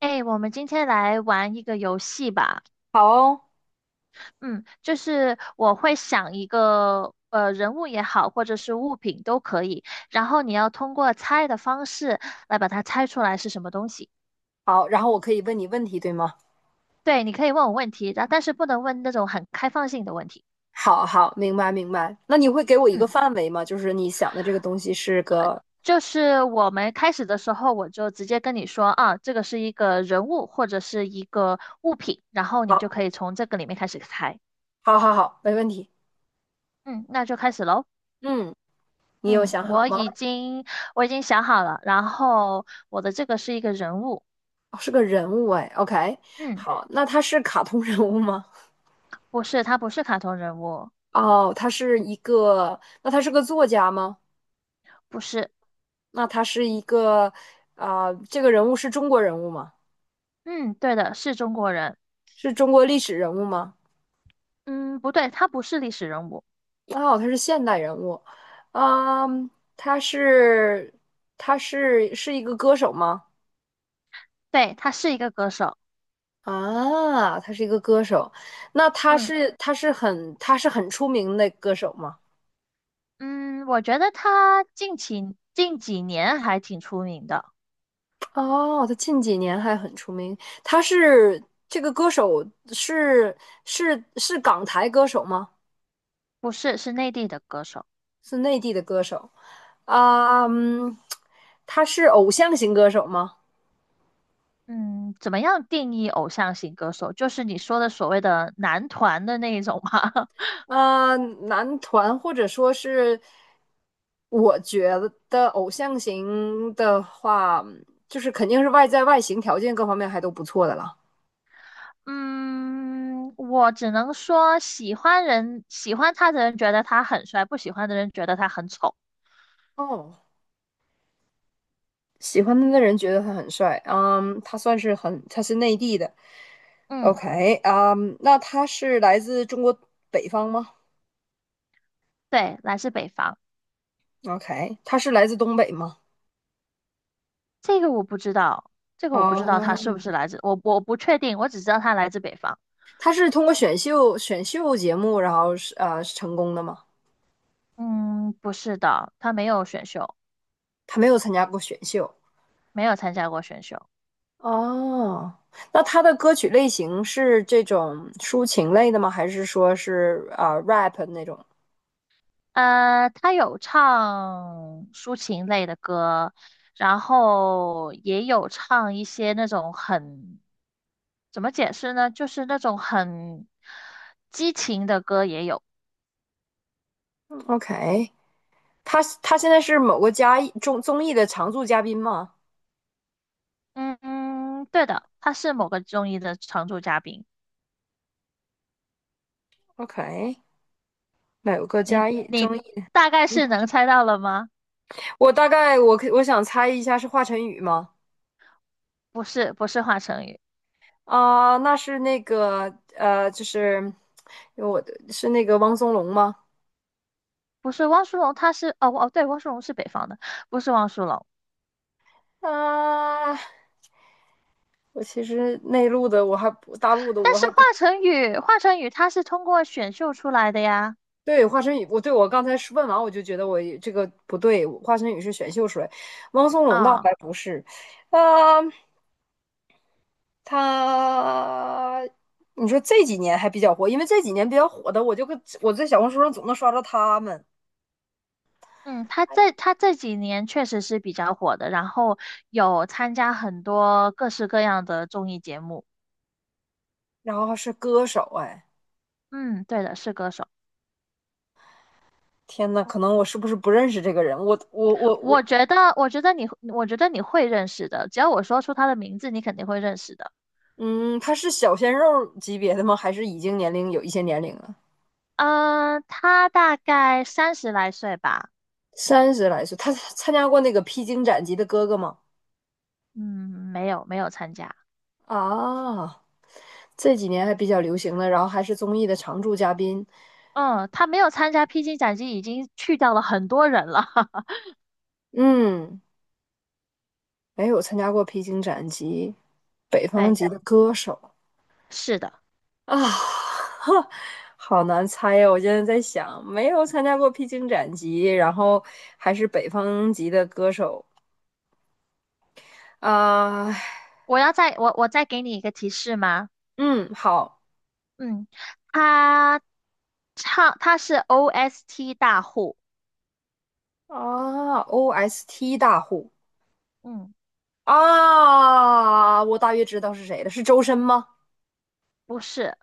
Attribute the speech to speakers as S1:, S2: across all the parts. S1: 哎，我们今天来玩一个游戏吧。
S2: 好哦。
S1: 嗯，就是我会想一个人物也好，或者是物品都可以，然后你要通过猜的方式来把它猜出来是什么东西。
S2: 好，然后我可以问你问题，对吗？
S1: 对，你可以问我问题，然但是不能问那种很开放性的问题。
S2: 好好，明白明白。那你会给我一个
S1: 嗯，
S2: 范围吗？就是你想的这个东西是个，
S1: 就是我们开始的时候，我就直接跟你说啊，这个是一个人物或者是一个物品，然后你就
S2: 好，
S1: 可以从这个里面开始猜。
S2: 好，好，好，没问题。
S1: 嗯，那就开始喽。
S2: 嗯，你有
S1: 嗯，
S2: 想好
S1: 我
S2: 吗？
S1: 已经我已经想好了，然后我的这个是一个人物，
S2: 哦是个人物哎，OK，
S1: 嗯，
S2: 好，那他是卡通人物吗？
S1: 不是，他不是卡通人物，
S2: 哦，他是一个，那他是个作家吗？
S1: 不是，
S2: 那他是一个，啊、这个人物是中国人物吗？
S1: 嗯，对的，是中国人，
S2: 是中国历史人物吗？
S1: 嗯，不对，他不是历史人物，
S2: 哦，他是现代人物。嗯，他是他是一个歌手吗？
S1: 对，他是一个歌手，
S2: 啊，他是一个歌手。那他
S1: 嗯
S2: 是他是很他是很出名的歌手吗？
S1: 嗯，我觉得他近几年还挺出名的，
S2: 哦，他近几年还很出名。他是这个歌手是是港台歌手吗？
S1: 不是，是内地的歌手，
S2: 是内地的歌手啊。嗯，他是偶像型歌手吗？
S1: 嗯，怎么样定义偶像型歌手？就是你说的所谓的男团的那一种吗？
S2: 呃，男团或者说是，我觉得偶像型的话，就是肯定是外在外形条件各方面还都不错的了。
S1: 嗯，我只能说喜欢人，喜欢他的人觉得他很帅，不喜欢的人觉得他很丑。
S2: 哦，喜欢他的人觉得他很帅。嗯，他算是很，他是内地的
S1: 嗯，
S2: ，OK。嗯，那他是来自中国北方吗
S1: 对，来自北方，
S2: ？OK，他是来自东北吗？
S1: 这个我不知道，这个我不知道他是不
S2: 哦，
S1: 是来自，我不确定，我只知道他来自北方。
S2: 他是通过选秀节目，然后是成功的吗？
S1: 嗯，不是的，他没有选秀，
S2: 他没有参加过选秀。
S1: 没有参加过选秀。
S2: 哦，那他的歌曲类型是这种抒情类的吗？还是说是啊、rap 那种
S1: 他有唱抒情类的歌，然后也有唱一些那种很，怎么解释呢？就是那种很激情的歌也有。
S2: ？OK，他现在是某个嘉艺综艺的常驻嘉宾吗
S1: 嗯，对的，他是某个综艺的常驻嘉宾。
S2: ？OK，某个
S1: 你
S2: 嘉艺综
S1: 你
S2: 艺。
S1: 大概是能猜到了吗？
S2: 我大概我可我想猜一下是华晨宇吗？
S1: 不是，不是华晨宇，
S2: 啊、那是那个就是我的是那个汪苏泷吗？
S1: 不是汪苏泷，他是哦哦，对，汪苏泷是北方的，不是汪苏泷。
S2: 啊、我其实内陆的我还不大陆的
S1: 但
S2: 我
S1: 是
S2: 还
S1: 华
S2: 不。
S1: 晨宇，华晨宇他是通过选秀出来的呀，
S2: 对，华晨宇，我刚才是问完，我就觉得我也这个不对。华晨宇是选秀水，汪苏泷倒
S1: 啊、
S2: 还不是。啊、他，你说这几年还比较火，因为这几年比较火的，我就跟我在小红书上总能刷到他们，
S1: 嗯，他这几年确实是比较火的，然后有参加很多各式各样的综艺节目。
S2: 然后是歌手。哎，
S1: 嗯，对的，是歌手。
S2: 天呐，可能我是不是不认识这个人？我我我
S1: 我
S2: 我，
S1: 觉得，我觉得你，我觉得你会认识的，只要我说出他的名字，你肯定会认识的。
S2: 嗯，他是小鲜肉级别的吗？还是已经年龄有一些年龄了？
S1: 嗯、他大概三十来岁吧。
S2: 三十来岁，他参加过那个披荆斩棘的哥哥吗？
S1: 嗯，没有参加。
S2: 啊。这几年还比较流行的，然后还是综艺的常驻嘉宾。
S1: 嗯，他没有参加《披荆斩棘》，已经去掉了很多人了。
S2: 嗯，没有参加过披荆斩棘、北方
S1: 对，
S2: 籍的歌手
S1: 是的。
S2: 啊。哈，好难猜呀！我现在在想，没有参加过披荆斩棘，然后还是北方籍的歌手啊。
S1: 我再给你一个提示吗？
S2: 嗯，好。
S1: 嗯，他他是 OST 大户，
S2: 啊，OST 大户
S1: 嗯，
S2: 啊，我大约知道是谁了，是周深吗？
S1: 不是，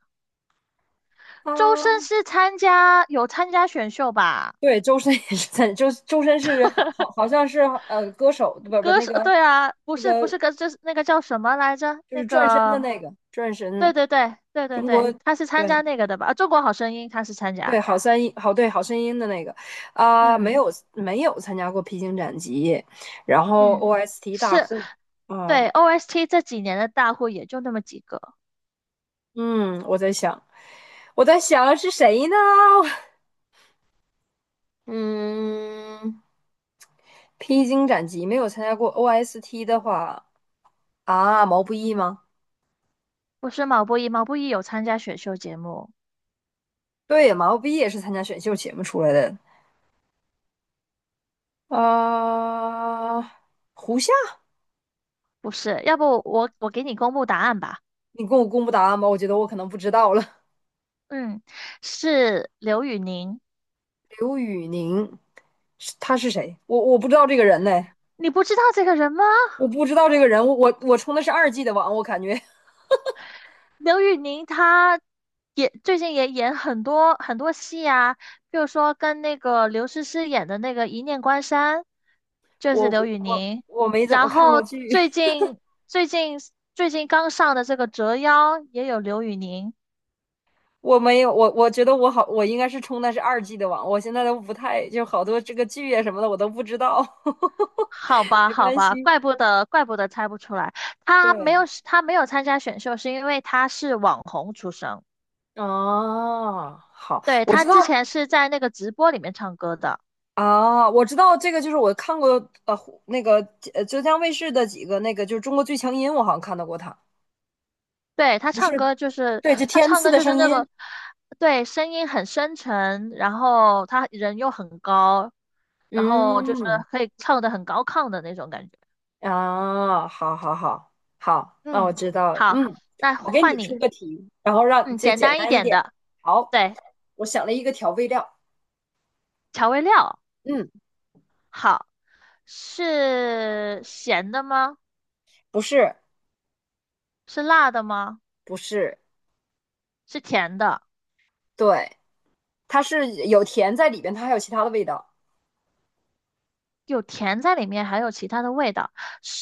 S1: 周深
S2: 啊。
S1: 是参加有参加选秀吧？
S2: 对，周深也是在，周深是好像是歌手，不
S1: 歌
S2: 那
S1: 手，
S2: 个
S1: 对啊，不
S2: 那
S1: 是不是
S2: 个
S1: 歌，就是那个叫什么来着？
S2: 就
S1: 那
S2: 是转身的
S1: 个，
S2: 那个转身。
S1: 对对对对对
S2: 中国
S1: 对，他是参
S2: 对
S1: 加那个的吧？啊，中国好声音他是参加，
S2: 对好三音好对好声音的那个。啊、没
S1: 嗯
S2: 有没有参加过披荆斩棘，然后
S1: 嗯，
S2: OST 大
S1: 是
S2: 户。嗯
S1: 对 OST 这几年的大户也就那么几个，
S2: 嗯，我在想我在想是谁呢？嗯，披荆斩棘没有参加过 OST 的话啊，毛不易吗？
S1: 不是毛不易，毛不易有参加选秀节目，
S2: 对，毛不易也是参加选秀节目出来的。啊。胡夏。
S1: 不是，要不我给你公布答案吧。
S2: 你跟我公布答案吧，我觉得我可能不知道了。
S1: 嗯，是刘宇宁。
S2: 刘宇宁，是他是谁？我我不知道这个人呢，
S1: 你不知道这个人吗？
S2: 我不知道这个人。我充的是二 G 的网，我感觉
S1: 刘宇宁他也最近也演很多很多戏啊，比如说跟那个刘诗诗演的那个《一念关山》，就是刘
S2: 我
S1: 宇
S2: 我
S1: 宁。
S2: 我没怎么
S1: 然
S2: 看过
S1: 后
S2: 剧。
S1: 最近最近刚上的这个《折腰》也有刘宇宁。
S2: 我没有我觉得我好，我应该是充的是二 G 的网，我现在都不太就好多这个剧啊什么的我都不知道。
S1: 好吧，
S2: 没
S1: 好
S2: 关
S1: 吧，
S2: 系。
S1: 怪不得猜不出来，
S2: 对，
S1: 他没有参加选秀，是因为他是网红出身。
S2: 啊，好，
S1: 对，
S2: 我
S1: 他
S2: 知道。
S1: 之前是在那个直播里面唱歌的，
S2: 啊，我知道这个，就是我看过湖那个浙江卫视的几个那个，就是《中国最强音》，我好像看到过他。
S1: 对，
S2: 不是，对，就
S1: 他
S2: 天
S1: 唱
S2: 赐
S1: 歌
S2: 的
S1: 就是
S2: 声
S1: 那
S2: 音。
S1: 个，对，声音很深沉，然后他人又很高，然后就是
S2: 嗯，
S1: 可以唱的很高亢的那种感觉。
S2: 啊，好好好好，那我
S1: 嗯，
S2: 知道了。
S1: 好，
S2: 嗯，
S1: 那
S2: 我给你
S1: 换
S2: 出
S1: 你，
S2: 个题，然后让
S1: 嗯，
S2: 这
S1: 简
S2: 简
S1: 单一
S2: 单一
S1: 点
S2: 点。
S1: 的，
S2: 好，
S1: 对，
S2: 我想了一个调味料。
S1: 调味料，
S2: 嗯，
S1: 好，是咸的吗？
S2: 不是，
S1: 是辣的吗？
S2: 不是，
S1: 是甜的，
S2: 对，它是有甜在里边，它还有其他的味道。
S1: 有甜在里面，还有其他的味道，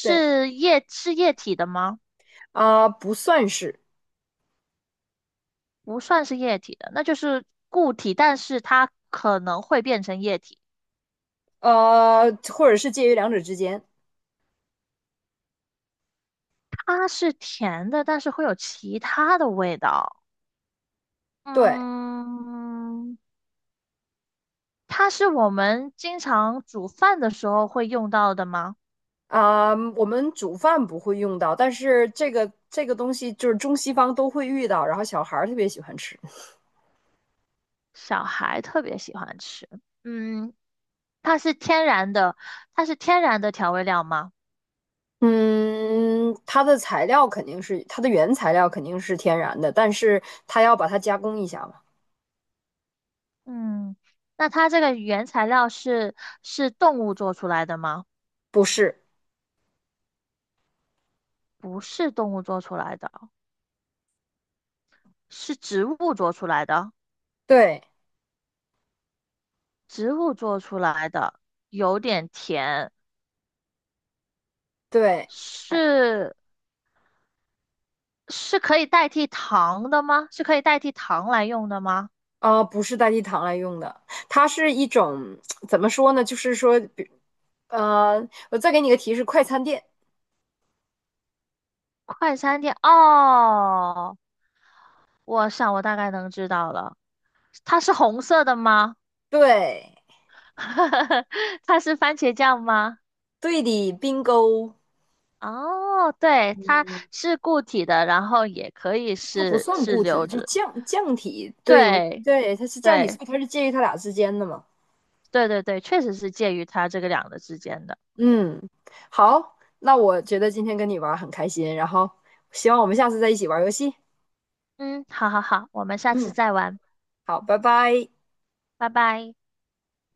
S2: 对，
S1: 液是液体的吗？
S2: 啊、不算是，
S1: 不算是液体的，那就是固体，但是它可能会变成液体。
S2: 或者是介于两者之间。
S1: 它是甜的，但是会有其他的味道。
S2: 对。
S1: 嗯，它是我们经常煮饭的时候会用到的吗？
S2: 啊，我们煮饭不会用到，但是这个这个东西就是中西方都会遇到，然后小孩儿特别喜欢吃。
S1: 小孩特别喜欢吃。嗯，它是天然的，它是天然的调味料吗？
S2: 嗯，它的原材料肯定是天然的，但是它要把它加工一下嘛？
S1: 嗯，那它这个原材料是是动物做出来的吗？
S2: 不是，
S1: 不是动物做出来的，是植物做出来的。
S2: 对
S1: 植物做出来的，有点甜，
S2: 对，哎
S1: 是是可以代替糖的吗？是可以代替糖来用的吗？
S2: 啊，不是代替糖来用的，它是一种怎么说呢？就是说，比呃，我再给你个提示，快餐店，
S1: 快餐店哦，我想我大概能知道了，它是红色的吗？
S2: 对
S1: 它是番茄酱吗？
S2: 对的冰 i
S1: 哦，对，它是固体的，然后也可以
S2: 它不算
S1: 是
S2: 固体，
S1: 流
S2: 就
S1: 质，
S2: 降体。对，你
S1: 对
S2: 对，它是降体，所
S1: 对
S2: 以它是介于它俩之间的嘛。
S1: 对，确实是介于它这个两个之间的。
S2: 嗯，好，那我觉得今天跟你玩儿很开心，然后希望我们下次再一起玩儿游戏。
S1: 嗯，好好好，我们下次
S2: 嗯，
S1: 再玩，
S2: 好，拜拜。
S1: 拜拜。